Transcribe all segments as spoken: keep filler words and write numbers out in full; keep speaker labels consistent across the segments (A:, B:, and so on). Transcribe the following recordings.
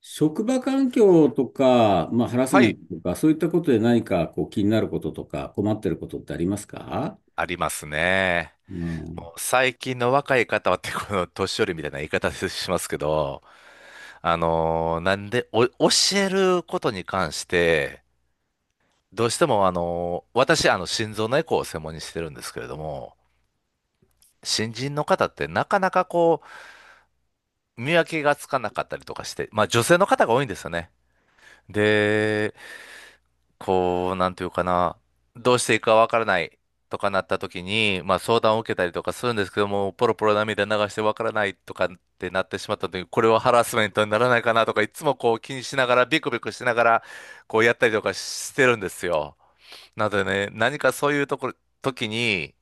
A: 職場環境とか、まあ、ハラス
B: は
A: メン
B: い、
A: トとか、そういったことで何かこう気になることとか困ってることってありますか？
B: ありますね。
A: うん。
B: もう最近の若い方はってこの年寄りみたいな言い方しますけど、あのーなんで、お、教えることに関して、どうしてもあのー私、あの、心臓のエコーを専門にしてるんですけれども、新人の方ってなかなかこう、見分けがつかなかったりとかして、まあ女性の方が多いんですよね。で、こう、なんていうかな、どうしていいかわからないとかなった時に、まあ相談を受けたりとかするんですけども、ポロポロ涙流してわからないとかってなってしまった時に、これはハラスメントにならないかなとか、いつもこう気にしながら、ビクビクしながら、こうやったりとかしてるんですよ。なのでね、何かそういうところ、時に、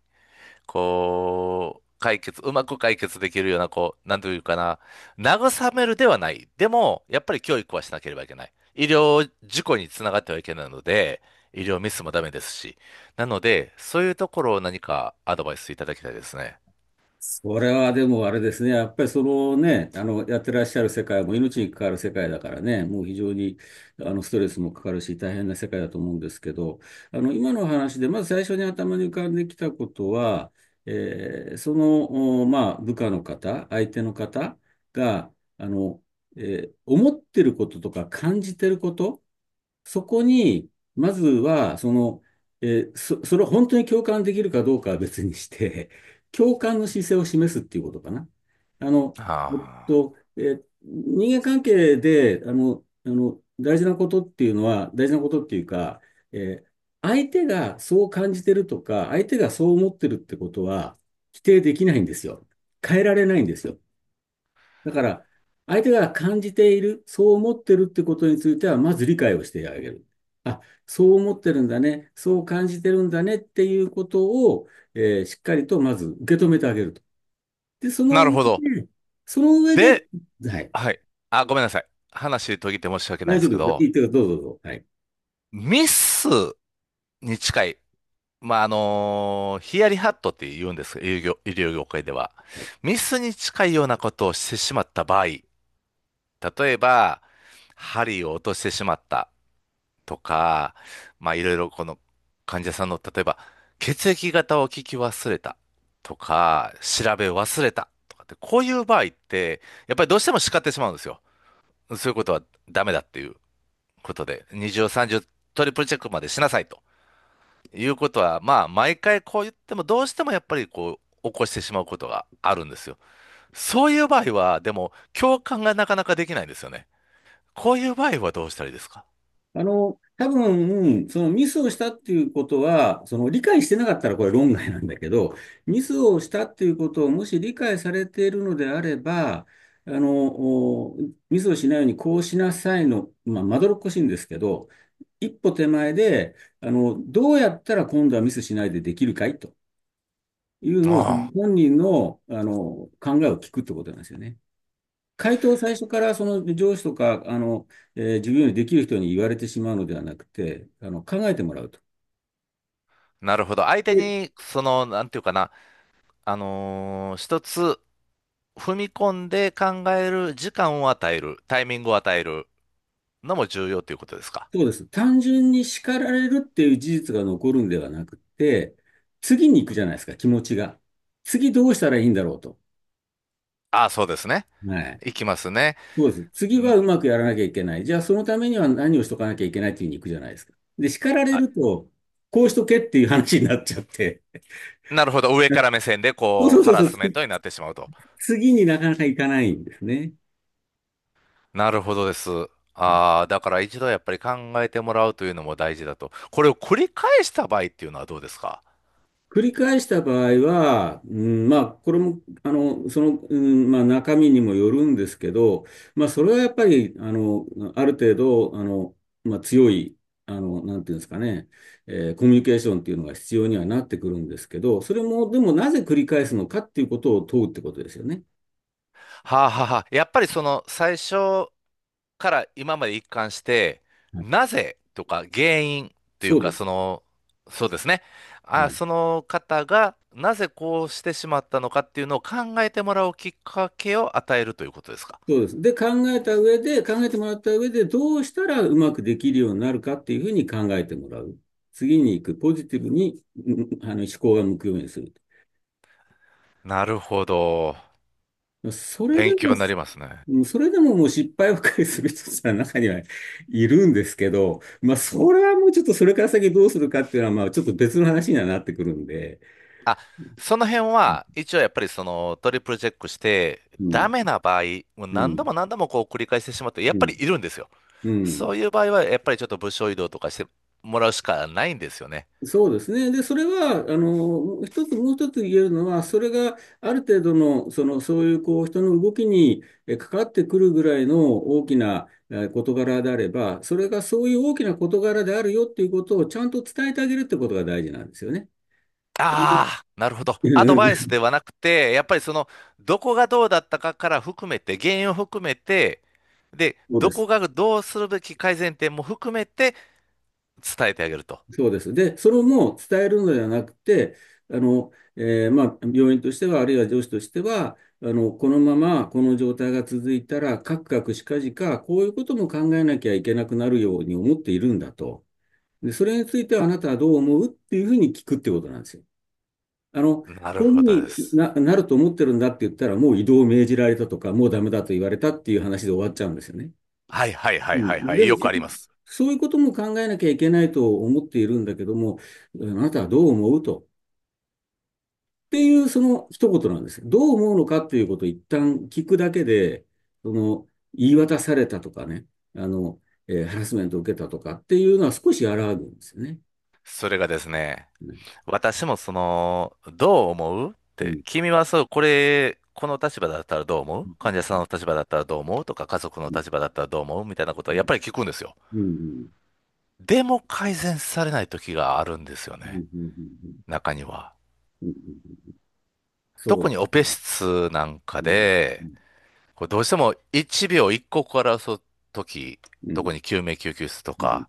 B: こう、解決、うまく解決できるような、こう、なんていうかな、慰めるではない。でも、やっぱり教育はしなければいけない。医療事故につながってはいけないので、医療ミスもダメですし。なので、そういうところを何かアドバイスいただきたいですね。
A: それはでもあれですね、やっぱりそのね、あの、やってらっしゃる世界も命に関わる世界だからね、もう非常にあのストレスもかかるし、大変な世界だと思うんですけど、あの、今の話で、まず最初に頭に浮かんできたことは、えーその、おまあ、部下の方、相手の方が、あの、えー思ってることとか感じてること、そこに、まずは、その、えーそ、それを本当に共感できるかどうかは別にして、共感の姿勢を示すっていうことかな。あの、えっ
B: は
A: と、えー人間関係で、あの、あの、大事なことっていうのは、大事なことっていうか、えー相手がそう感じてるとか、相手がそう思ってるってことは、否定できないんですよ。変えられないんですよ。だから、相手が感じている、そう思ってるってことについては、まず理解をしてあげる。あ、そう思ってるんだね、そう感じてるんだねっていうことを、えーしっかりとまず受け止めてあげると。で、そ
B: あ。な
A: の
B: る
A: 上
B: ほど。
A: で、その上で、
B: で、
A: はい、
B: はい。あ、ごめんなさい。話途切って申し訳ない
A: 大
B: んで
A: 丈夫
B: すけ
A: です。い
B: ど、
A: いってか、どうぞどうぞ。はい。はい。
B: ミスに近い。まあ、あのーヒヤリハットって言うんですが医療業、医療業界では。ミスに近いようなことをしてしまった場合、例えば、針を落としてしまったとか、まあ、いろいろこの患者さんの、例えば、血液型を聞き忘れたとか、調べ忘れたとかって、こういう場合って、やっぱりどうしても叱ってしまうんですよ。そういうことはダメだっていうことで、二重三重トリプルチェックまでしなさいと。いうことは、まあ、毎回こう言っても、どうしてもやっぱりこう、起こしてしまうことがあるんですよ。そういう場合は、でも、共感がなかなかできないんですよね。こういう場合はどうしたらいいですか？
A: あの、多分、そのミスをしたっていうことは、その理解してなかったらこれ論外なんだけど、ミスをしたっていうことをもし理解されているのであれば、あの、ミスをしないようにこうしなさいの、まあ、まどろっこしいんですけど、一歩手前で、あの、どうやったら今度はミスしないでできるかいというのを、
B: ああ、
A: 本人の、あの、考えを聞くってことなんですよね。回答を最初からその上司とか、あの、えー自分よりできる人に言われてしまうのではなくて、あの、考えてもらうと。
B: なるほど。相手
A: で、
B: に、その、なんていうかな、あのー一つ踏み込んで考える時間を与える、タイミングを与えるのも重要ということですか？
A: そうです。単純に叱られるっていう事実が残るんではなくて、次に行くじゃないですか、気持ちが。次どうしたらいいんだろうと。
B: ああ、そうですね。
A: はい。
B: いきますね。
A: そうです。次
B: ん。
A: はうまくやらなきゃいけない。じゃあそのためには何をしとかなきゃいけないっていうふうに行くじゃないですか。で、叱られ
B: あ、
A: ると、こうしとけっていう話になっちゃって。
B: なるほど。上から目線で、
A: そう、
B: こ
A: そ
B: う、
A: う、そ
B: ハラ
A: う、
B: ス
A: そ
B: メン
A: う。
B: トになってしまうと。
A: 次になかなか行かないんですね。
B: なるほどです。ああ、だから一度やっぱり考えてもらうというのも大事だと。これを繰り返した場合っていうのはどうですか？
A: 繰り返した場合は、うん、まあ、これも、あの、その、うん、まあ、中身にもよるんですけど、まあ、それはやっぱり、あの、ある程度、あの、まあ、強い、あの、なんていうんですかね、えーコミュニケーションっていうのが必要にはなってくるんですけど、それも、でも、なぜ繰り返すのかっていうことを問うってことですよね。
B: はあはあはあ。やっぱりその最初から今まで一貫して、
A: はい。
B: なぜとか原因という
A: そう
B: か、
A: で
B: そ
A: す。
B: の、そうですね。
A: は
B: あ、
A: い。
B: その方がなぜこうしてしまったのかっていうのを考えてもらうきっかけを与えるということですか？
A: そうです。で、考えた上で、考えてもらった上で、どうしたらうまくできるようになるかっていうふうに考えてもらう。次に行く、ポジティブに、うんあの、思考が向くようにする。
B: なるほど。
A: それで
B: 勉
A: も、
B: 強になりますね。
A: うんそれでももう失敗ばかりする人さ、中にはいるんですけど、まあ、それはもうちょっとそれから先どうするかっていうのは、まあ、ちょっと別の話にはなってくるんで、
B: あ、その辺は、
A: う
B: 一応やっぱりそのトリプルチェックして、ダ
A: ん、
B: メな場合、もう
A: う
B: 何度
A: ん、
B: も何度もこう繰り返してしまって、やっ
A: う
B: ぱ
A: ん、
B: りいるんですよ。
A: う
B: そ
A: ん。
B: ういう場合は、やっぱりちょっと部署移動とかしてもらうしかないんですよね。
A: そうですね。で、それは、あの、一つ、もう一つ言えるのは、それがある程度の、その、そういう、こう、人の動きにえ関わってくるぐらいの大きなえ事柄であれば、それがそういう大きな事柄であるよっていうことをちゃんと伝えてあげるってことが大事なんですよね。
B: ああ、なるほど。アドバイス ではなくて、やっぱりその、どこがどうだったかから含めて、原因を含めて、で、
A: そうで
B: どこ
A: す。
B: がどうするべき改善点も含めて伝えてあげると。
A: そうです。で、それも伝えるのではなくて、あの、えーまあ、病院としては、あるいは上司としては、あの、このままこの状態が続いたら、かくかくしかじか、こういうことも考えなきゃいけなくなるように思っているんだと。で、それについてはあなたはどう思うっていうふうに聞くってことなんですよ。あの、
B: なる
A: こう
B: ほど
A: いう
B: で
A: ふうに
B: す。
A: な、なると思ってるんだって言ったら、もう異動を命じられたとか、もうダメだと言われたっていう話で終わっちゃうんですよね。
B: はいはい
A: う
B: はいはい
A: ん
B: は
A: で
B: い。
A: も、
B: よ
A: そ
B: くあります。
A: そういうことも考えなきゃいけないと思っているんだけども、あなたはどう思うと。っていう、その一言なんですよ。どう思うのかっていうことを一旦聞くだけで、その、言い渡されたとかね、あの、えーハラスメントを受けたとかっていうのは少し和らぐんですよね。
B: それがですね、
A: ね。
B: 私もその、どう思うっ
A: う
B: て、
A: ん。
B: 君はそう、これ、この立場だったらどう思
A: う
B: う患
A: ん。
B: 者さんの立場だったらどう思うとか、家族の
A: う
B: 立場だったらどう思うみたいなことはやっ
A: ん。
B: ぱり聞くんですよ。
A: うん。うん。
B: でも改善されない時があるんですよ
A: う
B: ね。
A: ん。うん。
B: 中には。
A: うん。うん。そ
B: 特
A: う
B: に
A: で
B: オ
A: す
B: ペ
A: ね。
B: 室なんか
A: うん。う
B: で、
A: ん。
B: こうどうしてもいちびょういちから争う時、
A: うん。
B: 特に救命救急室と
A: うん。
B: か、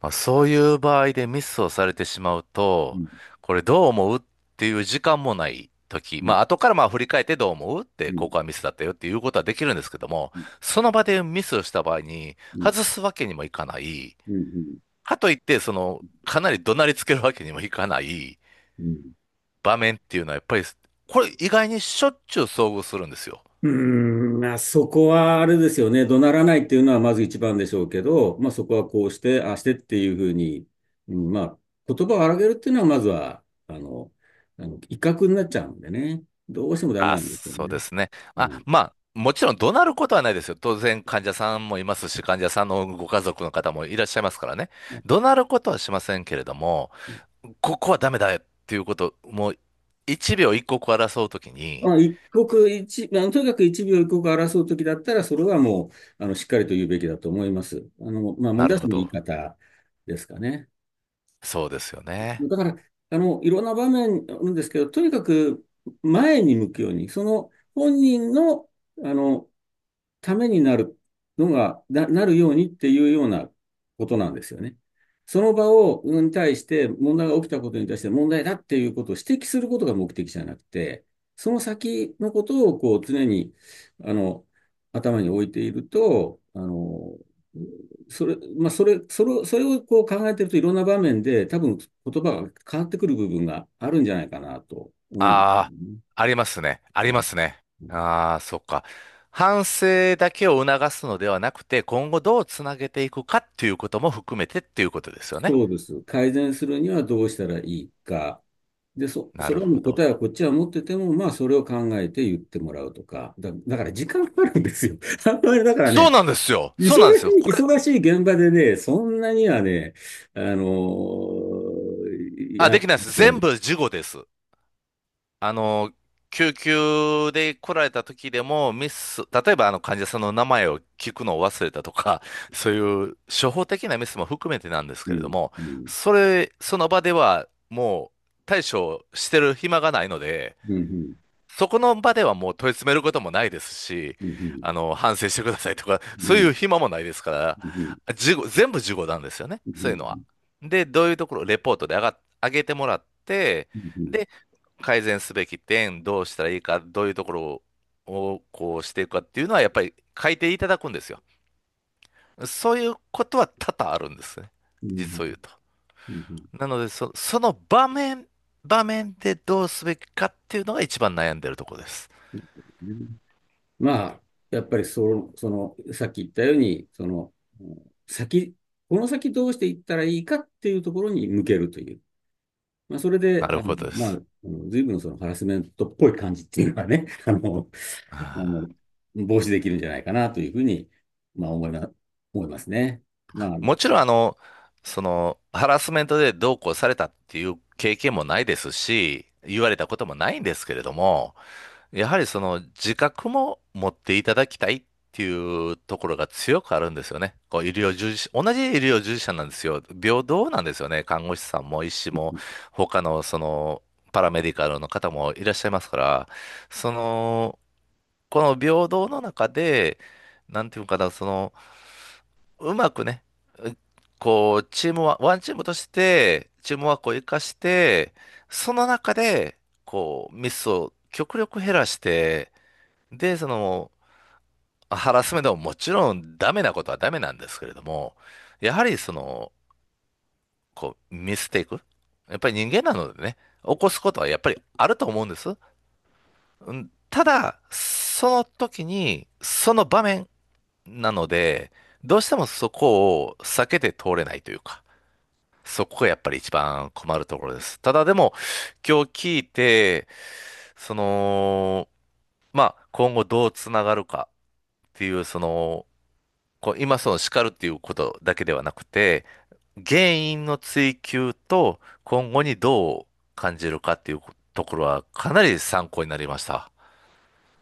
B: まあ、そういう場合でミスをされてしまう
A: う
B: と、
A: ん。
B: これどう思うっていう時間もない時、
A: うん。
B: まあ後からまあ振り返ってどう思うって、
A: う
B: こ
A: ん。
B: こはミスだったよっていうことはできるんですけども、
A: う
B: その場でミスをした場合に
A: ん。
B: 外すわけにもいかない。
A: うん。うん。
B: かといって、その、かなり怒鳴りつけるわけにもいかない
A: うん。
B: 場面っていうのはやっぱり、これ意外にしょっちゅう遭遇するんですよ。
A: うーん、まあ、そこはあれですよね。怒鳴らないっていうのはまず一番でしょうけど、まあ、そこはこうして、ああしてっていうふうに、うんまあ、言葉を荒げるっていうのはまずは、あの、あの威嚇になっちゃうんでね。どうしてもダメ
B: あ、
A: なんですよ
B: そうで
A: ね。
B: すね。あ、
A: はい。
B: まあ、もちろん怒鳴ることはないですよ。当然患者さんもいますし、患者さんのご家族の方もいらっしゃいますからね。
A: はい。
B: 怒鳴ることはしませんけれども、
A: はい。
B: ここはダメだよっていうこと、もう一秒一刻を争うときに、
A: まあ、一刻一、まあの、とにかく一秒一刻を争うときだったら、それはもう、あの、しっかりと言うべきだと思います。あの、まあ、問
B: な
A: 題
B: る
A: はそ
B: ほ
A: の言い
B: ど。
A: 方ですかね。
B: そうですよね。
A: だから、あの、いろんな場面あるんですけど、とにかく前に向くように、その本人の、あの、ためになるのが、な、なるようにっていうようなことなんですよね。その場を、に対して、問題が起きたことに対して問題だっていうことを指摘することが目的じゃなくて、その先のことをこう常に、あの、頭に置いていると、あの、それ、まあ、それ、それを、それをこう考えてるといろんな場面で多分言葉が変わってくる部分があるんじゃないかなと思う。
B: ああ、ありますね。あり
A: は
B: ま
A: い。
B: すね。ああ、そっか。反省だけを促すのではなくて、今後どうつなげていくかっていうことも含めてっていうことですよね。
A: そうです。改善するにはどうしたらいいか。でそ、
B: な
A: そ
B: る
A: れ
B: ほ
A: の
B: ど。
A: 答えはこっちは持ってても、まあそれを考えて言ってもらうとか。だ、だから時間かかるんですよ。だから
B: そう
A: ね、
B: なんですよ。
A: 忙
B: そ
A: し
B: うなんですよ。
A: い
B: これ、
A: 忙しい現場でね、そんなにはね、あの
B: あ、
A: やっ
B: で
A: て、
B: きないです。全部事後です。あの、救急で来られた時でも、ミス、例えばあの患者さんの名前を聞くのを忘れたとか、そういう処方的なミスも含めてなんです
A: う
B: けれど
A: ん。
B: も、
A: うん。
B: それ、その場ではもう対処してる暇がないので、
A: うん。
B: そこの場ではもう問い詰めることもないですし、
A: うん。うん。
B: あの、反省してくださいとか、
A: うん。
B: そ
A: う
B: う
A: ん。うん。
B: いう暇もないですか
A: うん。
B: ら、事後、全部事後なんですよね、
A: う
B: そういうのは。
A: ん。
B: で、どういうところ、レポートで上が、上げてもらって、
A: う
B: で、改善すべき点、どうしたらいいか、どういうところをこうしていくかっていうのは、やっぱり書いていただくんですよ。そういうことは多々あるんですね、
A: ん。
B: 実を言うと。
A: うん。
B: なので、そ、その場面、場面でどうすべきかっていうのが一番悩んでるところです。
A: うん。まあ、やっぱりそ、その、さっき言ったように、その、先、この先どうしていったらいいかっていうところに向けるという。まあ、それ
B: な
A: で、
B: る
A: あの、
B: ほどで
A: まあ、
B: す。
A: あの随分そのハラスメントっぽい感じっていうのはね、あの、あ
B: あ
A: の、防止できるんじゃないかなというふうに、まあ、思いま、思いますね。ま
B: ー
A: あ、あの、
B: もちろん、あの、その、ハラスメントでどうこうされたっていう経験もないですし、言われたこともないんですけれども、やはりその自覚も持っていただきたいっていうところが強くあるんですよね。こう、医療従事者、同じ医療従事者なんですよ。平等なんですよね。看護師さんも医師も、他のその、パラメディカルの方もいらっしゃいますから、その、この平等の中で、なんていうのかな、その、うまくね、うこう、チームは、ワンチームとして、チームワークを生かして、その中で、こう、ミスを極力減らして、で、その、ハラスメントももちろんダメなことはダメなんですけれども、やはりその、こう、ミステイク。やっぱり人間なのでね、起こすことはやっぱりあると思うんです。うん。ただ、その時に、その場面なので、どうしてもそこを避けて通れないというか。そこがやっぱり一番困るところです。ただでも、今日聞いて、その、まあ、今後どうつながるかっていう、その、こう今その叱るっていうことだけではなくて、原因の追求と今後にどう感じるかっていうところはかなり参考になりました。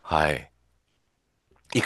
B: はい。